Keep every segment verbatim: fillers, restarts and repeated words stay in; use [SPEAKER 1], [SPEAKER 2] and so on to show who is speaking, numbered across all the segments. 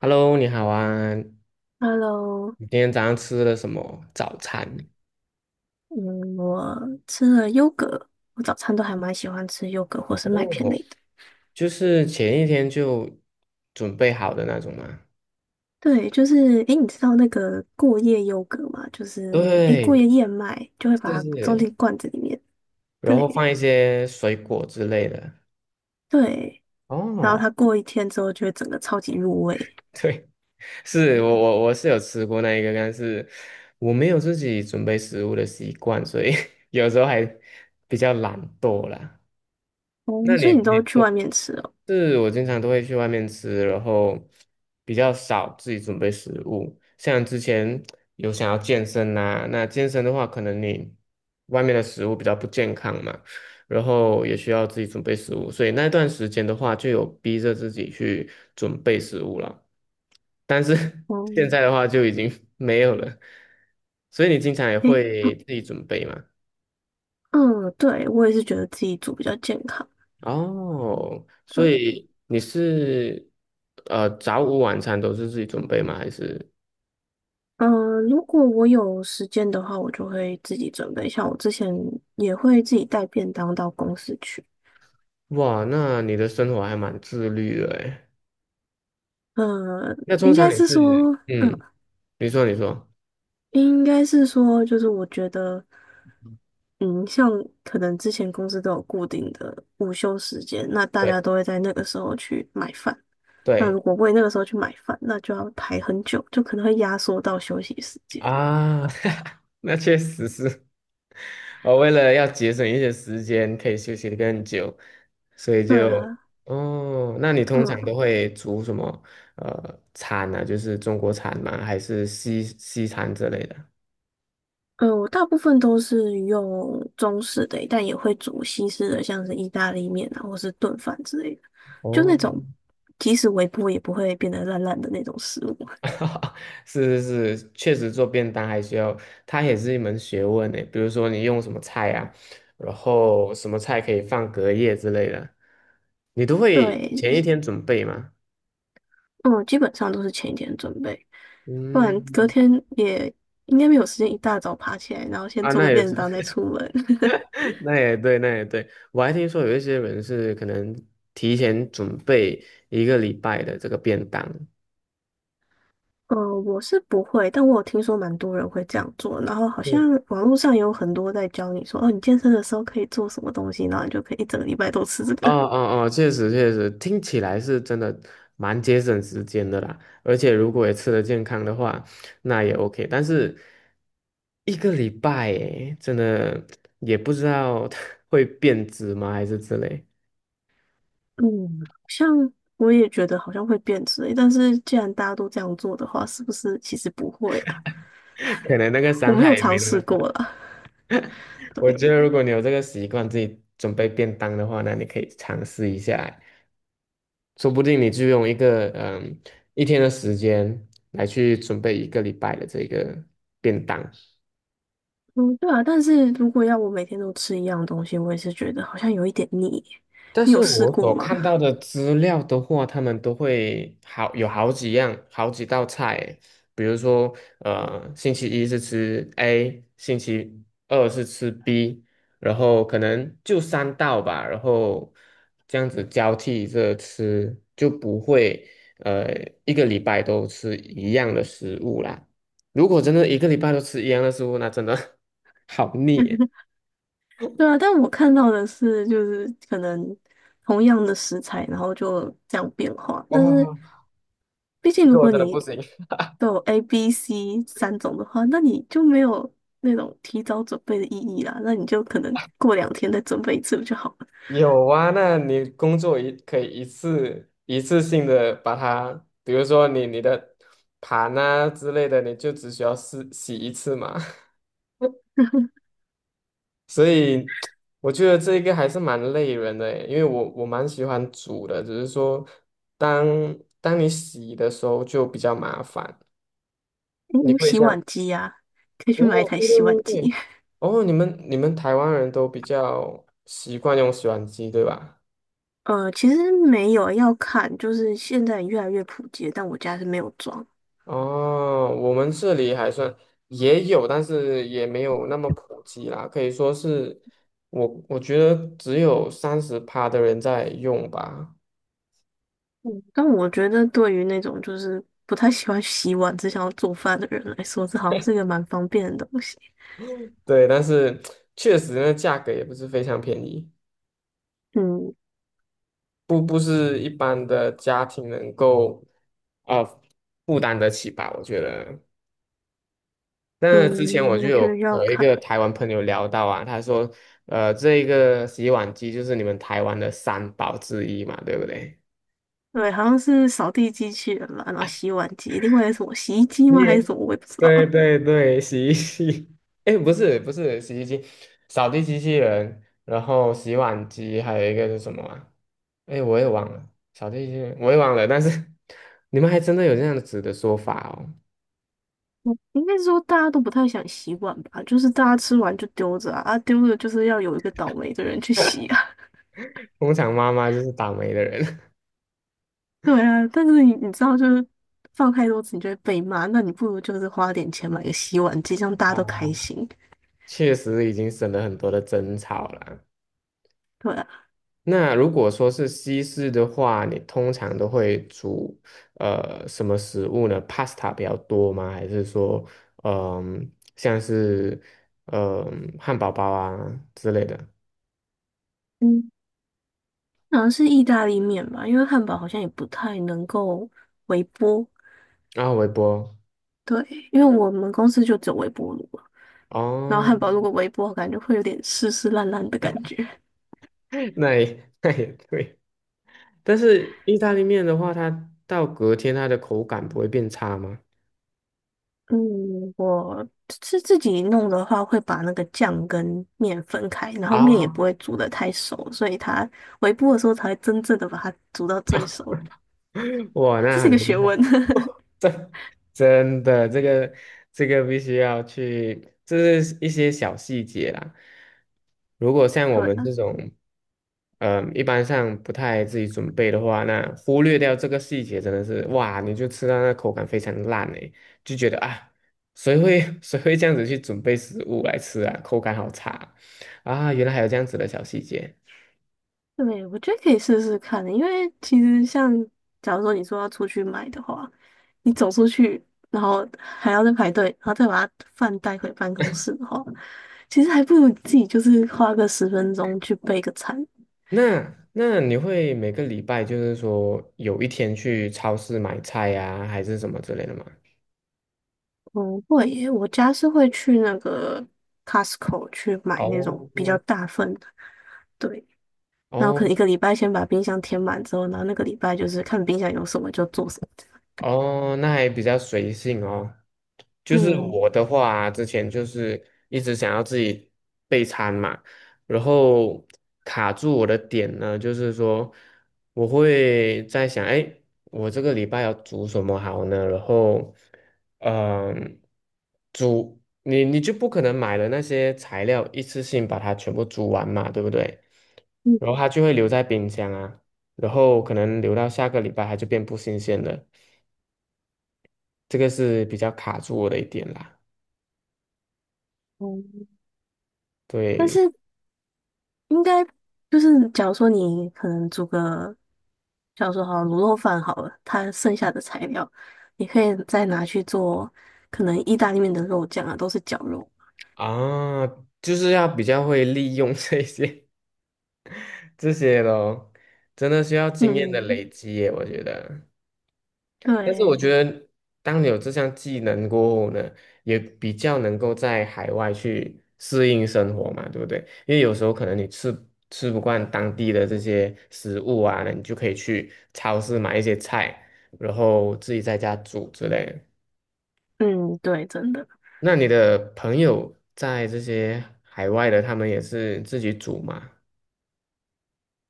[SPEAKER 1] Hello，你好啊！
[SPEAKER 2] Hello，
[SPEAKER 1] 你今天早上吃了什么早餐？
[SPEAKER 2] 嗯，我吃了优格，我早餐都还蛮喜欢吃优格或是麦片类
[SPEAKER 1] 哦，
[SPEAKER 2] 的。
[SPEAKER 1] 就是前一天就准备好的那种吗？
[SPEAKER 2] 对，就是，诶，你知道那个过夜优格吗？就是，诶，过夜
[SPEAKER 1] 对，
[SPEAKER 2] 燕麦就会
[SPEAKER 1] 是
[SPEAKER 2] 把它装
[SPEAKER 1] 是，
[SPEAKER 2] 进罐子里面。
[SPEAKER 1] 然后
[SPEAKER 2] 对
[SPEAKER 1] 放一些水果之类的。
[SPEAKER 2] 对，然后
[SPEAKER 1] 哦，
[SPEAKER 2] 它过一天之后就会整个超级入味。
[SPEAKER 1] 对，是我我我是有吃过那一个，但是我没有自己准备食物的习惯，所以 有时候还比较懒惰啦。
[SPEAKER 2] 哦，
[SPEAKER 1] 那
[SPEAKER 2] 所
[SPEAKER 1] 你
[SPEAKER 2] 以你
[SPEAKER 1] 你
[SPEAKER 2] 都去外面吃哦。
[SPEAKER 1] 是我经常都会去外面吃，然后比较少自己准备食物。像之前有想要健身呐、那健身的话，可能你外面的食物比较不健康嘛，然后也需要自己准备食物，所以那段时间的话，就有逼着自己去准备食物了。但是
[SPEAKER 2] 哦，
[SPEAKER 1] 现在的话就已经没有了，所以你经常也
[SPEAKER 2] 诶，
[SPEAKER 1] 会
[SPEAKER 2] 嗯，
[SPEAKER 1] 自己准备嘛？
[SPEAKER 2] 嗯对，我也是觉得自己煮比较健康。
[SPEAKER 1] 哦，所
[SPEAKER 2] 对。
[SPEAKER 1] 以你是呃早午晚餐都是自己准备吗？还是
[SPEAKER 2] 嗯，呃如果我有时间的话，我就会自己准备。像我之前也会自己带便当到公司去。
[SPEAKER 1] 哇，那你的生活还蛮自律的诶。
[SPEAKER 2] 嗯，
[SPEAKER 1] 那通
[SPEAKER 2] 应
[SPEAKER 1] 常
[SPEAKER 2] 该
[SPEAKER 1] 你
[SPEAKER 2] 是
[SPEAKER 1] 是
[SPEAKER 2] 说，嗯，
[SPEAKER 1] 嗯，你说你说，
[SPEAKER 2] 应该是说，就是我觉得，嗯，像可能之前公司都有固定的午休时间，那大家都
[SPEAKER 1] 对
[SPEAKER 2] 会在那个时候去买饭。那
[SPEAKER 1] 对
[SPEAKER 2] 如果为那个时候去买饭，那就要排很久，就可能会压缩到休息时间。
[SPEAKER 1] 啊，那确实是，我为了要节省一些时间，可以休息的更久，所以
[SPEAKER 2] 对
[SPEAKER 1] 就
[SPEAKER 2] 啊，
[SPEAKER 1] 哦，那你通常都
[SPEAKER 2] 嗯。
[SPEAKER 1] 会煮什么呃餐呢、啊？就是中国餐吗？还是西西餐之类的？
[SPEAKER 2] 嗯，我大部分都是用中式的，但也会煮西式的，像是意大利面啊，或是炖饭之类的，就那种
[SPEAKER 1] 哦
[SPEAKER 2] 即使微波也不会变得烂烂的那种食物。
[SPEAKER 1] 是是是，确实做便当还需要，它也是一门学问呢。比如说你用什么菜啊，然后什么菜可以放隔夜之类的，你都会
[SPEAKER 2] 对，
[SPEAKER 1] 前一天准备吗？
[SPEAKER 2] 嗯，基本上都是前一天准备，不然隔
[SPEAKER 1] 嗯，
[SPEAKER 2] 天也应该没有时间一大早爬起来，然后先
[SPEAKER 1] 啊，
[SPEAKER 2] 做
[SPEAKER 1] 那
[SPEAKER 2] 个
[SPEAKER 1] 也
[SPEAKER 2] 便
[SPEAKER 1] 是，
[SPEAKER 2] 当再出门。
[SPEAKER 1] 那也对，那也对。我还听说有一些人是可能提前准备一个礼拜的这个便当。
[SPEAKER 2] 嗯，我是不会，但我有听说蛮多人会这样做，然后好
[SPEAKER 1] 对。
[SPEAKER 2] 像网络上也有很多在教你说，哦，你健身的时候可以做什么东西，然后你就可以一整个礼拜都吃这
[SPEAKER 1] 哦
[SPEAKER 2] 个。
[SPEAKER 1] 哦哦，确实确实，听起来是真的蛮节省时间的啦。而且如果也吃得健康的话，那也 OK。但是一个礼拜诶，真的也不知道 会变质吗，还是之类，
[SPEAKER 2] 嗯，好像我也觉得好像会变质欸，但是既然大家都这样做的话，是不是其实不会啊？
[SPEAKER 1] 可能那个
[SPEAKER 2] 我
[SPEAKER 1] 伤
[SPEAKER 2] 没
[SPEAKER 1] 害
[SPEAKER 2] 有
[SPEAKER 1] 也
[SPEAKER 2] 尝
[SPEAKER 1] 没那么
[SPEAKER 2] 试
[SPEAKER 1] 大。
[SPEAKER 2] 过啦，
[SPEAKER 1] 我觉
[SPEAKER 2] 对，
[SPEAKER 1] 得如果你有这个习惯，自己准备便当的话，那你可以尝试一下，说不定你就用一个嗯一天的时间来去准备一个礼拜的这个便当。
[SPEAKER 2] 嗯，对啊，但是如果要我每天都吃一样东西，我也是觉得好像有一点腻。
[SPEAKER 1] 但
[SPEAKER 2] 你
[SPEAKER 1] 是
[SPEAKER 2] 有试
[SPEAKER 1] 我
[SPEAKER 2] 过
[SPEAKER 1] 所
[SPEAKER 2] 吗？
[SPEAKER 1] 看到的资料的话，他们都会好有好几样、好几道菜诶比如说，呃，星期一是吃 A，星期二是吃 B，然后可能就三道吧，然后这样子交替着吃，就不会呃一个礼拜都吃一样的食物啦。如果真的一个礼拜都吃一样的食物，那真的 好腻耶。
[SPEAKER 2] 对啊，但我看到的是，就是可能同样的食材，然后就这样变化，但
[SPEAKER 1] 哇，
[SPEAKER 2] 是。毕
[SPEAKER 1] 这
[SPEAKER 2] 竟
[SPEAKER 1] 个
[SPEAKER 2] 如
[SPEAKER 1] 我
[SPEAKER 2] 果
[SPEAKER 1] 真的不
[SPEAKER 2] 你
[SPEAKER 1] 行。
[SPEAKER 2] 都有 A B C 三种的话，那你就没有那种提早准备的意义啦。那你就可能过两天再准备一次不就好了？
[SPEAKER 1] 有啊，那你工作一可以一次一次性的把它，比如说你你的盘啊之类的，你就只需要洗洗一次嘛。所以我觉得这一个还是蛮累人的诶，因为我我蛮喜欢煮的，只是说当当你洗的时候就比较麻烦。
[SPEAKER 2] 诶
[SPEAKER 1] 你
[SPEAKER 2] 有
[SPEAKER 1] 可以
[SPEAKER 2] 洗
[SPEAKER 1] 这样？
[SPEAKER 2] 碗机呀、可以去买一
[SPEAKER 1] 哦，
[SPEAKER 2] 台
[SPEAKER 1] 对对
[SPEAKER 2] 洗碗
[SPEAKER 1] 对对，
[SPEAKER 2] 机。
[SPEAKER 1] 哦，你们你们台湾人都比较习惯用洗碗机，对吧？
[SPEAKER 2] 呃，其实没有要看，就是现在越来越普及，但我家是没有装。
[SPEAKER 1] 哦，我们这里还算也有，但是也没有那么普及啦，可以说是我我觉得只有三十趴的人在用吧。
[SPEAKER 2] 嗯，但我觉得对于那种就是不太喜欢洗碗、只想要做饭的人来说，这好像是一个蛮方便的东西。
[SPEAKER 1] 对，但是确实那价格也不是非常便宜，
[SPEAKER 2] 嗯
[SPEAKER 1] 不不是一般的家庭能够啊、呃负担得起吧，我觉得。那之前
[SPEAKER 2] 嗯，
[SPEAKER 1] 我就
[SPEAKER 2] 我觉
[SPEAKER 1] 有
[SPEAKER 2] 得要
[SPEAKER 1] 和一
[SPEAKER 2] 看。
[SPEAKER 1] 个台湾朋友聊到啊，他说，呃，这个洗碗机就是你们台湾的三宝之一嘛，对不对？
[SPEAKER 2] 对，好像是扫地机器人吧，然后洗碗机，另外是什么洗衣机吗？还是
[SPEAKER 1] 耶，
[SPEAKER 2] 什么？我也不知 道。
[SPEAKER 1] 对对对，洗衣机，哎，不是不是洗衣机，扫地机器人，然后洗碗机，还有一个是什么啊？哎，我也忘了，扫地机器人我也忘了，但是 你们还真的有这样子的说法哦。
[SPEAKER 2] 应该是说大家都不太想洗碗吧，就是大家吃完就丢着啊，啊丢着就是要有一个倒霉的人去洗啊。
[SPEAKER 1] 工厂妈妈就是倒霉的人，
[SPEAKER 2] 对啊，但是你你知道，就是放太多次你就会被骂，那你不如就是花点钱买个洗碗机，这样大家都
[SPEAKER 1] 啊
[SPEAKER 2] 开心。
[SPEAKER 1] 确实已经省了很多的争吵了。
[SPEAKER 2] 对啊，
[SPEAKER 1] 那如果说是西式的话，你通常都会煮呃什么食物呢？pasta 比较多吗？还是说，嗯、像是嗯、汉堡包啊之类的
[SPEAKER 2] 嗯，好像是意大利面吧，因为汉堡好像也不太能够微波。
[SPEAKER 1] 然后微波
[SPEAKER 2] 对，因为我们公司就只有微波炉。然后
[SPEAKER 1] 哦，
[SPEAKER 2] 汉堡如果微波，感觉会有点湿湿烂烂的感觉。
[SPEAKER 1] 那也那也对。但是意大利面的话，它到隔天它的口感不会变差吗？
[SPEAKER 2] 嗯，我是自己弄的话，会把那个酱跟面分开，然后面也不
[SPEAKER 1] 啊，
[SPEAKER 2] 会煮得太熟，所以它微波的时候才会真正的把它煮到最熟。
[SPEAKER 1] 哇，
[SPEAKER 2] 这
[SPEAKER 1] 那
[SPEAKER 2] 是一
[SPEAKER 1] 很
[SPEAKER 2] 个学
[SPEAKER 1] 厉
[SPEAKER 2] 问。
[SPEAKER 1] 害。真的，这个这个必须要去，这是一些小细节啦。如果像我
[SPEAKER 2] 对，
[SPEAKER 1] 们这种，嗯、一般上不太自己准备的话，那忽略掉这个细节，真的是哇，你就吃到那口感非常烂诶，就觉得啊，谁会 谁会这样子去准备食物来吃啊？口感好差啊！啊原来还有这样子的小细节。
[SPEAKER 2] 对，我觉得可以试试看的，因为其实像假如说你说要出去买的话，你走出去，然后还要再排队，然后再把它饭带回办公室的话，其实还不如自己就是花个十分钟去备个餐。
[SPEAKER 1] 那那你会每个礼拜就是说有一天去超市买菜呀、还是什么之类的吗？
[SPEAKER 2] 嗯，会耶，我家是会去那个 Costco 去买那种比较
[SPEAKER 1] 哦
[SPEAKER 2] 大份的，对，然后可能
[SPEAKER 1] 哦
[SPEAKER 2] 一个礼拜先把冰箱填满之后，然后那个礼拜就是看冰箱有什么就做什么
[SPEAKER 1] 哦，那还比较随性哦。就
[SPEAKER 2] 这样
[SPEAKER 1] 是
[SPEAKER 2] 嗯。
[SPEAKER 1] 我的话啊之前就是一直想要自己备餐嘛，然后卡住我的点呢，就是说我会在想，哎，我这个礼拜要煮什么好呢？然后，嗯、煮你你就不可能买了那些材料一次性把它全部煮完嘛，对不对？
[SPEAKER 2] 嗯，
[SPEAKER 1] 然后它就会留在冰箱啊，然后可能留到下个礼拜它就变不新鲜了，这个是比较卡住我的一点啦，
[SPEAKER 2] 嗯，但
[SPEAKER 1] 对。
[SPEAKER 2] 是应该就是假如说你可能煮个，假如说好卤肉饭好了，它剩下的材料，你可以再拿去做可能意大利面的肉酱啊，都是绞肉。
[SPEAKER 1] 啊，就是要比较会利用这些 这些咯，真的需要经验的
[SPEAKER 2] 嗯，
[SPEAKER 1] 累积耶，我觉得。但是我
[SPEAKER 2] 对，
[SPEAKER 1] 觉得，当你有这项技能过后呢，也比较能够在海外去适应生活嘛，对不对？因为有时候可能你吃吃不惯当地的这些食物啊，那你就可以去超市买一些菜，然后自己在家煮之类的。
[SPEAKER 2] 嗯，对，真的，
[SPEAKER 1] 那你的朋友在这些海外的，他们也是自己煮吗？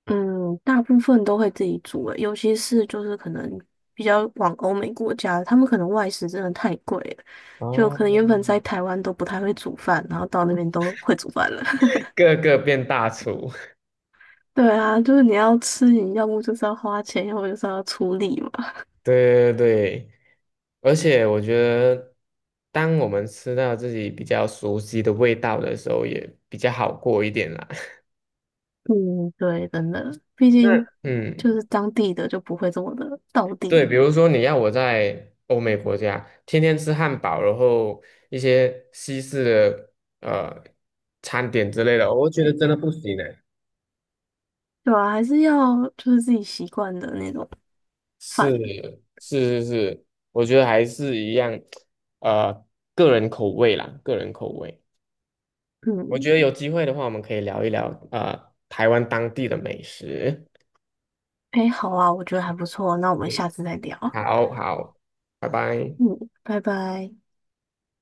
[SPEAKER 2] 嗯，大部分都会自己煮诶，尤其是就是可能比较往欧美国家，他们可能外食真的太贵了，就
[SPEAKER 1] 哦，
[SPEAKER 2] 可能原本在台湾都不太会煮饭，然后到那边都会煮饭了。
[SPEAKER 1] 个个变大厨，
[SPEAKER 2] 对啊，就是你要吃，你要么就是要花钱，要么就是要出力嘛。
[SPEAKER 1] 对对对，而且我觉得，当我们吃到自己比较熟悉的味道的时候，也比较好过一点啦。
[SPEAKER 2] 嗯，对，真的，毕
[SPEAKER 1] 那
[SPEAKER 2] 竟就
[SPEAKER 1] 嗯，
[SPEAKER 2] 是当地的就不会这么的到
[SPEAKER 1] 对，
[SPEAKER 2] 地，
[SPEAKER 1] 比如说你要我在欧美国家天天吃汉堡，然后一些西式的呃餐点之类的，我觉得真的不行呢。
[SPEAKER 2] 对啊，还是要就是自己习惯的那种饭。
[SPEAKER 1] 是是是是，我觉得还是一样，呃，个人口味啦，个人口味。我
[SPEAKER 2] 嗯，
[SPEAKER 1] 觉得有机会的话，我们可以聊一聊呃台湾当地的美食。
[SPEAKER 2] 诶，好啊，我觉得还不错，那我们
[SPEAKER 1] 嗯，
[SPEAKER 2] 下次再聊。
[SPEAKER 1] 好好，拜拜。
[SPEAKER 2] 嗯，拜拜。